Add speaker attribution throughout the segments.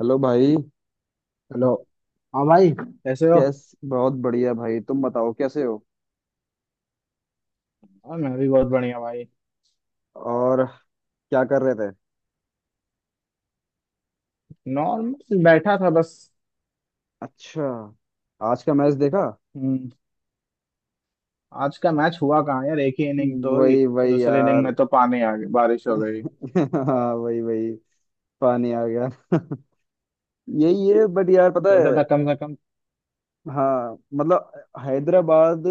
Speaker 1: Hello भाई।
Speaker 2: Hello. हाँ भाई कैसे हो?
Speaker 1: कैस बहुत बढ़िया भाई, तुम बताओ कैसे हो।
Speaker 2: हाँ मैं भी बहुत बढ़िया भाई।
Speaker 1: और क्या कर रहे थे।
Speaker 2: नॉर्मल बैठा था बस।
Speaker 1: अच्छा। आज का मैच देखा।
Speaker 2: हम्म। आज का मैच हुआ कहाँ यार, एक ही इनिंग तो हुई।
Speaker 1: वही वही
Speaker 2: दूसरे इनिंग
Speaker 1: यार।
Speaker 2: में तो पानी आ गई, बारिश हो गई।
Speaker 1: हाँ, वही वही। पानी आ गया। यही है, बट यार पता
Speaker 2: सोचा
Speaker 1: है।
Speaker 2: था कम से कम,
Speaker 1: हाँ, मतलब हैदराबाद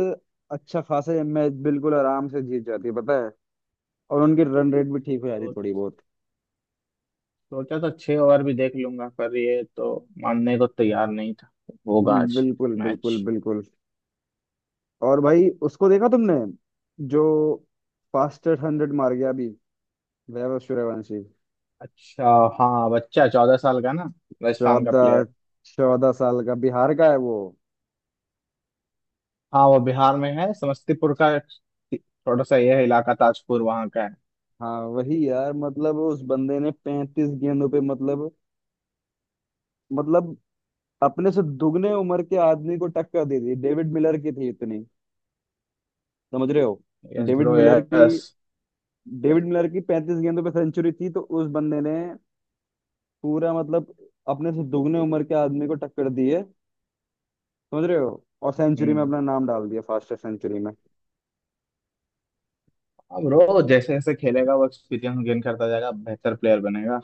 Speaker 1: अच्छा खासा मैच बिल्कुल आराम से जीत जाती है, पता है। और उनकी रन रेट भी ठीक हो जाती है,
Speaker 2: सो-
Speaker 1: थोड़ी बहुत।
Speaker 2: सोचा था 6 ओवर भी देख लूंगा, पर ये तो मानने को तैयार नहीं था। होगा आज
Speaker 1: बिल्कुल
Speaker 2: मैच।
Speaker 1: बिल्कुल बिल्कुल। और भाई, उसको देखा तुमने, जो फास्टेस्ट हंड्रेड मार गया अभी, वैभव सूर्यवंशी।
Speaker 2: अच्छा। हाँ बच्चा 14 साल का ना, राजस्थान का
Speaker 1: चौदह
Speaker 2: प्लेयर।
Speaker 1: चौदह साल का बिहार का है वो।
Speaker 2: हाँ वो बिहार में है, समस्तीपुर का। थोड़ा सा यह इलाका ताजपुर वहाँ का है।
Speaker 1: हाँ, वही यार, मतलब उस बंदे ने 35 गेंदों पे मतलब अपने से दुगने उम्र के आदमी को टक्कर दे दी, डेविड मिलर की थी इतनी। समझ रहे हो।
Speaker 2: यस
Speaker 1: डेविड
Speaker 2: ब्रो
Speaker 1: मिलर की।
Speaker 2: यस।
Speaker 1: डेविड मिलर की 35 गेंदों पे सेंचुरी थी, तो उस बंदे ने पूरा, मतलब अपने से दुगने उम्र के आदमी को टक्कर दी है। समझ रहे हो। और सेंचुरी में
Speaker 2: हम्म।
Speaker 1: अपना नाम डाल दिया, फास्टेस्ट सेंचुरी में।
Speaker 2: हाँ ब्रो, जैसे जैसे खेलेगा वो एक्सपीरियंस गेन करता जाएगा, बेहतर प्लेयर बनेगा।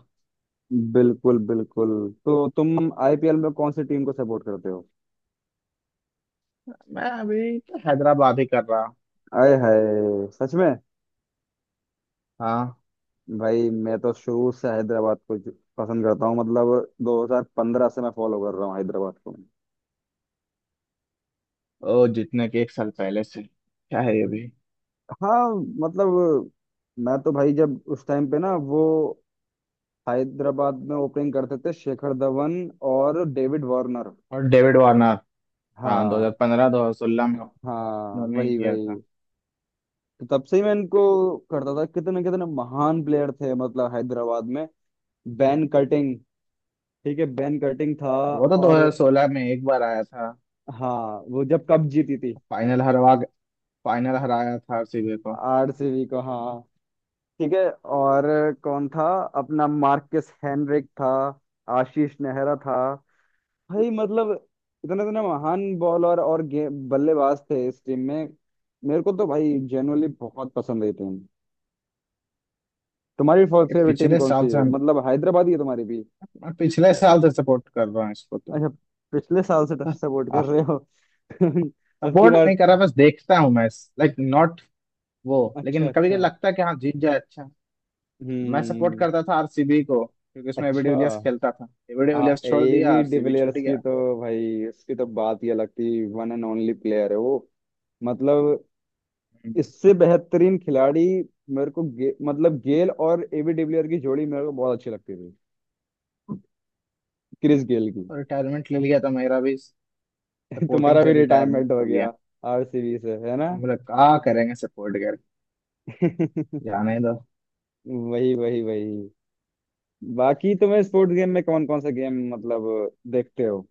Speaker 1: बिल्कुल बिल्कुल। तो तुम आईपीएल में कौन सी टीम को सपोर्ट करते हो।
Speaker 2: मैं अभी तो हैदराबाद ही कर रहा।
Speaker 1: आए हाय, सच में।
Speaker 2: हाँ।
Speaker 1: भाई मैं तो शुरू से हैदराबाद को पसंद करता हूँ, मतलब 2015 से मैं फॉलो कर रहा हूँ हैदराबाद को।
Speaker 2: ओ जितने के एक साल पहले से, क्या है ये भी।
Speaker 1: हाँ, मतलब मैं तो भाई, जब उस टाइम पे ना वो हैदराबाद में ओपनिंग करते थे, शेखर धवन और डेविड वार्नर।
Speaker 2: और डेविड वार्नर। हाँ
Speaker 1: हाँ।
Speaker 2: 2015 2016 में
Speaker 1: हाँ,
Speaker 2: उन्होंने ही
Speaker 1: वही
Speaker 2: किया था।
Speaker 1: वही। तो तब से ही मैं इनको करता था, कितने कितने महान प्लेयर थे मतलब हैदराबाद में। Ben Cutting. ठीक है, बैन कटिंग था।
Speaker 2: वो तो
Speaker 1: और
Speaker 2: 2016 में एक बार आया था।
Speaker 1: हाँ, वो जब कप जीती थी,
Speaker 2: फाइनल हरवा फाइनल हराया था आरसीबी को।
Speaker 1: आरसीबी को। हाँ, ठीक है। और कौन था, अपना मार्कस हेनरिक था, आशीष नेहरा था। भाई मतलब इतने इतने महान बॉलर और बल्लेबाज थे इस टीम में। मेरे को तो भाई जेनुअनली बहुत पसंद आई टीम। तुम्हारी
Speaker 2: ये
Speaker 1: फेवरेट टीम
Speaker 2: पिछले
Speaker 1: कौन
Speaker 2: साल
Speaker 1: सी
Speaker 2: से
Speaker 1: है,
Speaker 2: हम
Speaker 1: मतलब हैदराबाद ही है तुम्हारी भी।
Speaker 2: मैं पिछले साल से सपोर्ट कर रहा हूँ इसको तो।
Speaker 1: अच्छा। पिछले साल से सपोर्ट कर रहे हो। अब की
Speaker 2: सपोर्ट
Speaker 1: बार।
Speaker 2: नहीं कर रहा, बस देखता हूँ मैच, लाइक नॉट वो।
Speaker 1: अच्छा
Speaker 2: लेकिन कभी कभी
Speaker 1: अच्छा।
Speaker 2: लगता है कि हाँ जीत जाए, अच्छा। मैं सपोर्ट
Speaker 1: हम्म।
Speaker 2: करता था आरसीबी को क्योंकि उसमें एबी
Speaker 1: अच्छा।
Speaker 2: डिविलियर्स खेलता था। एबी
Speaker 1: आ
Speaker 2: डिविलियर्स छोड़ दिया,
Speaker 1: एवी
Speaker 2: आरसीबी छूट
Speaker 1: डिविलियर्स की
Speaker 2: गया।
Speaker 1: तो, भाई उसकी तो बात ही अलग थी, वन एंड ओनली प्लेयर है वो। मतलब
Speaker 2: हम्म।
Speaker 1: इससे बेहतरीन खिलाड़ी, मेरे को मतलब गेल और एवी डिविलियर की जोड़ी मेरे को बहुत अच्छी लगती थी। क्रिस गेल की।
Speaker 2: और रिटायरमेंट ले लिया तो मेरा भी सपोर्टिंग
Speaker 1: तुम्हारा
Speaker 2: से
Speaker 1: भी रिटायरमेंट
Speaker 2: रिटायरमेंट
Speaker 1: हो
Speaker 2: हो गया।
Speaker 1: गया। आरसीबी से है ना।
Speaker 2: हम लोग क्या करेंगे सपोर्ट कर, जाने दो।
Speaker 1: वही वही वही। बाकी तुम्हें स्पोर्ट्स गेम में कौन कौन सा गेम मतलब देखते हो,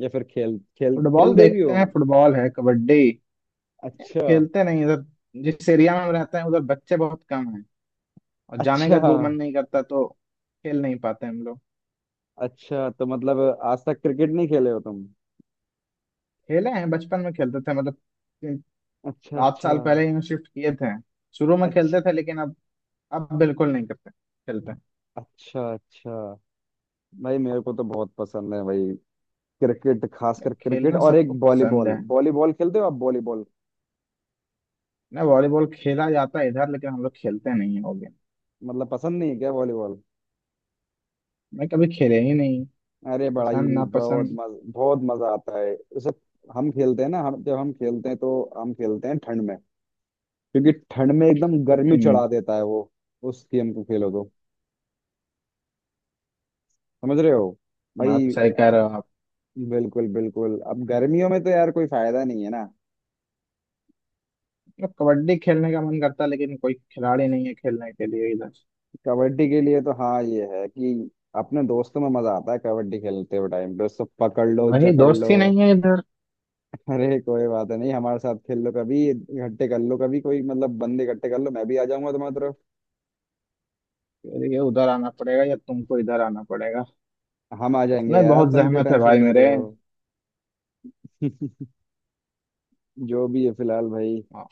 Speaker 1: या फिर खेल खेल
Speaker 2: फुटबॉल
Speaker 1: खेलते भी
Speaker 2: देखते
Speaker 1: हो।
Speaker 2: हैं, फुटबॉल है, कबड्डी। ये
Speaker 1: अच्छा
Speaker 2: खेलते नहीं इधर। जिस एरिया में हम रहते हैं, उधर बच्चे बहुत कम हैं और जाने
Speaker 1: अच्छा।
Speaker 2: का दूर मन नहीं करता, तो खेल नहीं पाते हम लोग।
Speaker 1: अच्छा, तो मतलब आज तक क्रिकेट नहीं खेले हो तुम।
Speaker 2: खेले हैं, बचपन में खेलते थे मतलब, तीन-
Speaker 1: अच्छा,
Speaker 2: सात
Speaker 1: अच्छा,
Speaker 2: साल पहले ही शिफ्ट किए थे। शुरू में
Speaker 1: अच्छा,
Speaker 2: खेलते थे लेकिन अब बिल्कुल नहीं करते खेलते।
Speaker 1: अच्छा, अच्छा। भाई मेरे को तो बहुत पसंद है भाई, क्रिकेट
Speaker 2: यार
Speaker 1: खासकर क्रिकेट,
Speaker 2: खेलना
Speaker 1: और एक
Speaker 2: सबको पसंद
Speaker 1: वॉलीबॉल,
Speaker 2: है
Speaker 1: वॉलीबॉल खेलते हो आप वॉलीबॉल।
Speaker 2: ना, वॉलीबॉल खेला जाता है इधर लेकिन हम लोग खेलते नहीं, हो गए।
Speaker 1: मतलब पसंद नहीं है क्या वॉलीबॉल।
Speaker 2: मैं कभी खेले ही नहीं,
Speaker 1: अरे बड़ाई
Speaker 2: पसंद ना पसंद।
Speaker 1: बहुत मजा आता है उसे। हम खेलते हैं ना, हम जब हम खेलते हैं तो हम खेलते हैं ठंड में, क्योंकि ठंड में एकदम गर्मी
Speaker 2: हम्म।
Speaker 1: चढ़ा देता है वो उस गेम को खेलो तो। समझ रहे हो भाई।
Speaker 2: आप सही कह रहे हो आप।
Speaker 1: बिल्कुल बिल्कुल, अब गर्मियों में तो यार कोई फायदा नहीं है ना।
Speaker 2: मतलब कबड्डी खेलने का मन करता है, लेकिन कोई खिलाड़ी नहीं है खेलने के लिए इधर।
Speaker 1: कबड्डी के लिए तो हाँ, ये है कि अपने दोस्तों में मजा आता है, कबड्डी खेलते हुए टाइम पे उसको पकड़ लो,
Speaker 2: वही
Speaker 1: जकड़
Speaker 2: दोस्त
Speaker 1: लो।
Speaker 2: ही नहीं है इधर।
Speaker 1: अरे कोई बात नहीं, हमारे साथ खेल लो कभी, इकट्ठे कर लो कभी कोई, मतलब बंदे इकट्ठे कर लो, मैं भी आ जाऊंगा तुम्हारी तरफ।
Speaker 2: फिर ये उधर आना पड़ेगा या तुमको इधर आना पड़ेगा।
Speaker 1: हम आ जाएंगे
Speaker 2: इसमें
Speaker 1: यार,
Speaker 2: बहुत
Speaker 1: तुम क्यों
Speaker 2: जहमत है
Speaker 1: टेंशन
Speaker 2: भाई
Speaker 1: ले रहे
Speaker 2: मेरे।
Speaker 1: हो। जो भी है फिलहाल भाई।
Speaker 2: हाँ।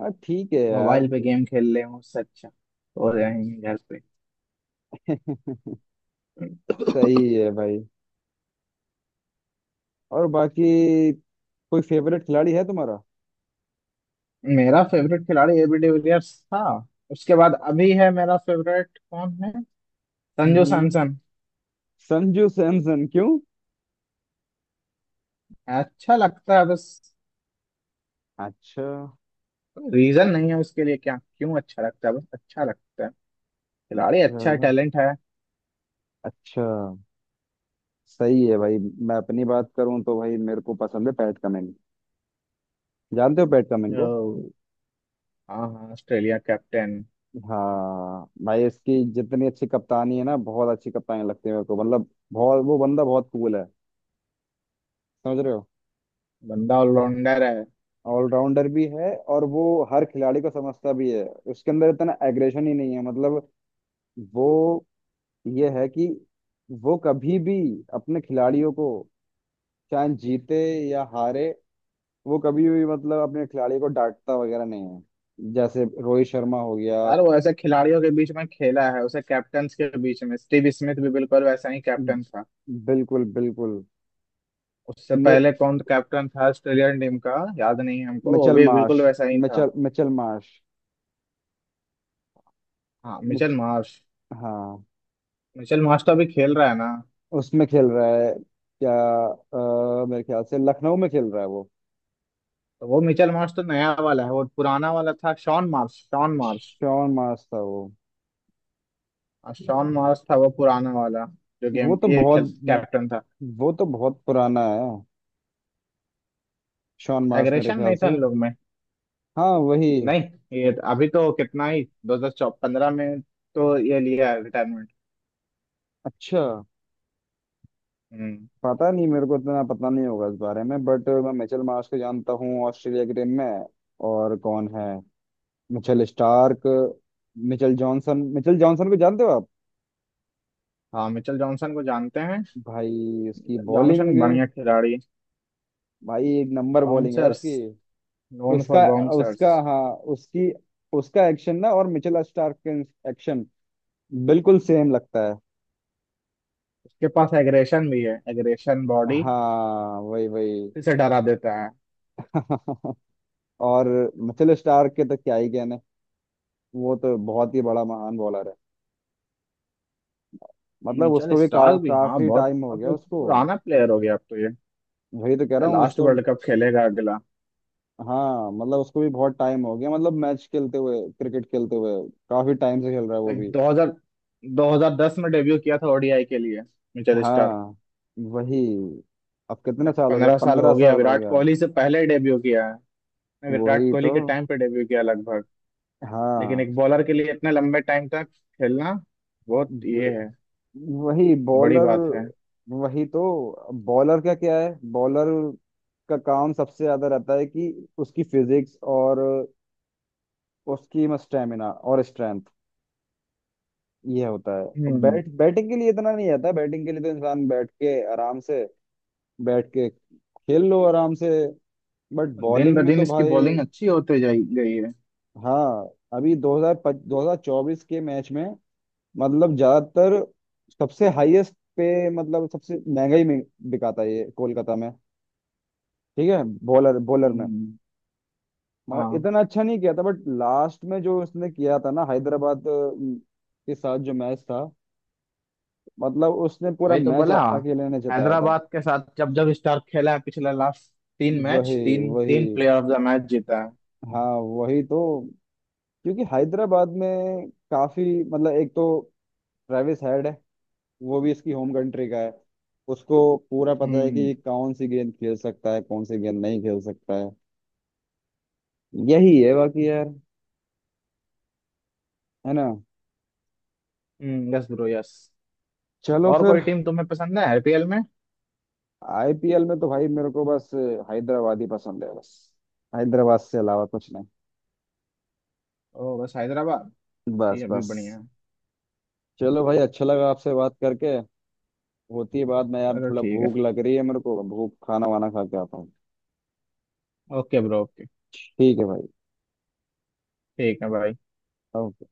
Speaker 1: हाँ ठीक है यार।
Speaker 2: मोबाइल पे गेम खेल ले हूँ उससे अच्छा, हो जाएंगे घर पे।
Speaker 1: सही है भाई। और बाकी कोई फेवरेट खिलाड़ी है तुम्हारा।
Speaker 2: मेरा फेवरेट खिलाड़ी एबी डिविलियर्स था। उसके बाद अभी है मेरा फेवरेट कौन है, संजू
Speaker 1: हम्म।
Speaker 2: सैमसन।
Speaker 1: संजू सैमसन क्यों।
Speaker 2: अच्छा लगता है बस।
Speaker 1: अच्छा।
Speaker 2: रीजन नहीं है उसके लिए, क्या क्यों अच्छा लगता है, बस अच्छा लगता है। खिलाड़ी अच्छा है,
Speaker 1: चलो।
Speaker 2: टैलेंट है।
Speaker 1: अच्छा। सही है भाई। मैं अपनी बात करूं तो भाई मेरे को पसंद है पैट कमिंस। जानते हो पैट कमिंस को।
Speaker 2: तो, हाँ हाँ, ऑस्ट्रेलिया कैप्टन।
Speaker 1: हाँ भाई, इसकी जितनी अच्छी कप्तानी है ना, बहुत अच्छी कप्तानी लगती है मेरे को, मतलब बहुत वो बंदा बहुत कूल है। समझ रहे हो।
Speaker 2: बंदा ऑलराउंडर है।
Speaker 1: ऑलराउंडर भी है, और वो हर खिलाड़ी को समझता भी है। उसके अंदर इतना एग्रेशन ही नहीं है, मतलब वो ये है कि वो कभी भी अपने खिलाड़ियों को, चाहे जीते या हारे, वो कभी भी मतलब अपने खिलाड़ी को डांटता वगैरह नहीं है, जैसे रोहित शर्मा हो गया।
Speaker 2: यार वो ऐसे खिलाड़ियों के बीच में खेला है, उसे कैप्टन के बीच में, स्टीव स्मिथ भी बिल्कुल वैसा ही कैप्टन था।
Speaker 1: बिल्कुल बिल्कुल।
Speaker 2: उससे
Speaker 1: मि-
Speaker 2: पहले कौन कैप्टन था ऑस्ट्रेलियन टीम का? याद नहीं है हमको, वो
Speaker 1: मिचेल
Speaker 2: भी
Speaker 1: मार्श।
Speaker 2: बिल्कुल वैसा ही था।
Speaker 1: Mitchell Mitchell Marsh.
Speaker 2: हाँ मिचेल
Speaker 1: मिच,
Speaker 2: मार्श।
Speaker 1: हाँ।
Speaker 2: मिचेल मार्श तो अभी खेल रहा है ना।
Speaker 1: उसमें खेल रहा है क्या। मेरे ख्याल से लखनऊ में खेल रहा है वो।
Speaker 2: तो वो मिचेल मार्श तो नया वाला है, वो पुराना वाला था Shaun Marsh, Shaun Marsh.
Speaker 1: Shaun Marsh था वो।
Speaker 2: और शॉन मॉस था वो पुराना वाला, जो गेम
Speaker 1: वो तो
Speaker 2: ये खेल
Speaker 1: बहुत
Speaker 2: कैप्टन था।
Speaker 1: वो तो बहुत पुराना है, शॉन मार्श मेरे
Speaker 2: एग्रेशन
Speaker 1: ख्याल
Speaker 2: नहीं था इन
Speaker 1: से।
Speaker 2: लोग में।
Speaker 1: हाँ वही।
Speaker 2: नहीं, ये तो अभी तो कितना ही, 2015 में तो ये लिया है रिटायरमेंट।
Speaker 1: अच्छा।
Speaker 2: हम्म।
Speaker 1: पता नहीं, मेरे को इतना पता नहीं होगा इस बारे में, बट मैं मिचेल मार्श को जानता हूँ, ऑस्ट्रेलिया की टीम में है। और कौन है, Mitchell Starc, Mitchell Johnson, Mitchell Johnson को जानते हो आप।
Speaker 2: हाँ मिचेल जॉनसन को जानते हैं।
Speaker 1: भाई उसकी
Speaker 2: जॉनसन
Speaker 1: बॉलिंग,
Speaker 2: बढ़िया खिलाड़ी।
Speaker 1: भाई एक नंबर बॉलिंग है
Speaker 2: बाउंसर्स,
Speaker 1: उसकी।
Speaker 2: नोन फॉर
Speaker 1: उसका उसका
Speaker 2: बाउंसर्स।
Speaker 1: हाँ, उसकी उसका एक्शन ना, और मिचेल स्टार्क का एक्शन बिल्कुल सेम लगता है।
Speaker 2: उसके पास एग्रेशन भी है, एग्रेशन बॉडी,
Speaker 1: हाँ वही वही।
Speaker 2: इसे डरा देता है।
Speaker 1: और मिचेल स्टार्क के तो क्या ही कहने, वो तो बहुत ही बड़ा महान बॉलर है, मतलब
Speaker 2: मिचेल
Speaker 1: उसको भी
Speaker 2: स्टार्क भी हाँ
Speaker 1: काफी
Speaker 2: बहुत,
Speaker 1: टाइम हो
Speaker 2: अब
Speaker 1: गया उसको।
Speaker 2: पुराना प्लेयर हो गया अब तो ये।
Speaker 1: वही तो कह रहा हूँ
Speaker 2: लास्ट
Speaker 1: उसको।
Speaker 2: वर्ल्ड कप खेलेगा अगला।
Speaker 1: हाँ, मतलब उसको भी बहुत टाइम हो गया, मतलब मैच खेलते हुए क्रिकेट खेलते हुए, काफी टाइम से खेल रहा है वो
Speaker 2: लाइक
Speaker 1: भी।
Speaker 2: 2000 2010 में डेब्यू किया था ओडीआई के लिए, मिचेल स्टार्क।
Speaker 1: हाँ वही। अब कितना
Speaker 2: लाइक
Speaker 1: साल हो गया,
Speaker 2: 15 साल
Speaker 1: पंद्रह
Speaker 2: हो गया,
Speaker 1: साल हो
Speaker 2: विराट
Speaker 1: गया।
Speaker 2: कोहली से पहले डेब्यू किया है। विराट
Speaker 1: वही तो।
Speaker 2: कोहली के टाइम पे डेब्यू किया लगभग। लेकिन
Speaker 1: हाँ
Speaker 2: एक बॉलर के लिए इतने लंबे टाइम तक खेलना बहुत
Speaker 1: व-
Speaker 2: ये है,
Speaker 1: वही
Speaker 2: बड़ी
Speaker 1: बॉलर।
Speaker 2: बात है।
Speaker 1: वही तो। बॉलर का क्या है, बॉलर का काम सबसे ज्यादा रहता है कि उसकी फिजिक्स और उसकी स्टेमिना और स्ट्रेंथ, ये होता है, अब
Speaker 2: हम्म।
Speaker 1: बैट बैटिंग के लिए इतना नहीं आता, बैटिंग के लिए तो इंसान बैठ के आराम से बैठ के खेल लो आराम से, बट
Speaker 2: दिन
Speaker 1: बॉलिंग
Speaker 2: ब
Speaker 1: में
Speaker 2: दिन
Speaker 1: तो
Speaker 2: इसकी
Speaker 1: भाई।
Speaker 2: बॉलिंग अच्छी होते जाई गई है।
Speaker 1: हाँ, अभी 2000 2024 के मैच में, मतलब ज्यादातर सबसे हाईएस्ट पे, मतलब सबसे महंगा ही बिका था ये कोलकाता में। ठीक है। बॉलर बॉलर में
Speaker 2: हम्म।
Speaker 1: मगर
Speaker 2: हाँ
Speaker 1: इतना अच्छा नहीं किया था, बट लास्ट में जो उसने किया था ना, हैदराबाद के साथ जो मैच था, मतलब उसने पूरा
Speaker 2: वही तो
Speaker 1: मैच
Speaker 2: बोला।
Speaker 1: अकेले ने जिताया था।
Speaker 2: हैदराबाद के साथ जब जब स्टार्क खेला है पिछला लास्ट, तीन
Speaker 1: वही
Speaker 2: मैच, तीन
Speaker 1: वही,
Speaker 2: तीन प्लेयर ऑफ द मैच जीता है।
Speaker 1: हाँ वही तो। क्योंकि हैदराबाद में काफी मतलब, एक तो ट्रेविस हेड है, वो भी इसकी होम कंट्री का है, उसको पूरा पता है कि
Speaker 2: हम्म।
Speaker 1: ये कौन सी गेंद खेल सकता है, कौन सी गेंद नहीं खेल सकता है। यही है बाकी यार, है ना।
Speaker 2: हम्म। Yes bro yes.
Speaker 1: चलो
Speaker 2: और
Speaker 1: फिर।
Speaker 2: कोई टीम तुम्हें पसंद है आईपीएल में?
Speaker 1: आईपीएल में तो भाई मेरे को बस हैदराबाद ही पसंद है, बस हैदराबाद से अलावा कुछ नहीं,
Speaker 2: ओ बस हैदराबाद। ये
Speaker 1: बस
Speaker 2: अभी बढ़िया
Speaker 1: बस।
Speaker 2: है।
Speaker 1: चलो भाई, अच्छा लगा आपसे बात करके। होती है बात, मैं यार
Speaker 2: चलो
Speaker 1: थोड़ा
Speaker 2: ठीक है।
Speaker 1: भूख लग रही है मेरे को, भूख, खाना वाना खा के आता हूँ।
Speaker 2: Okay bro okay.
Speaker 1: ठीक है भाई।
Speaker 2: ठीक है भाई।
Speaker 1: अब।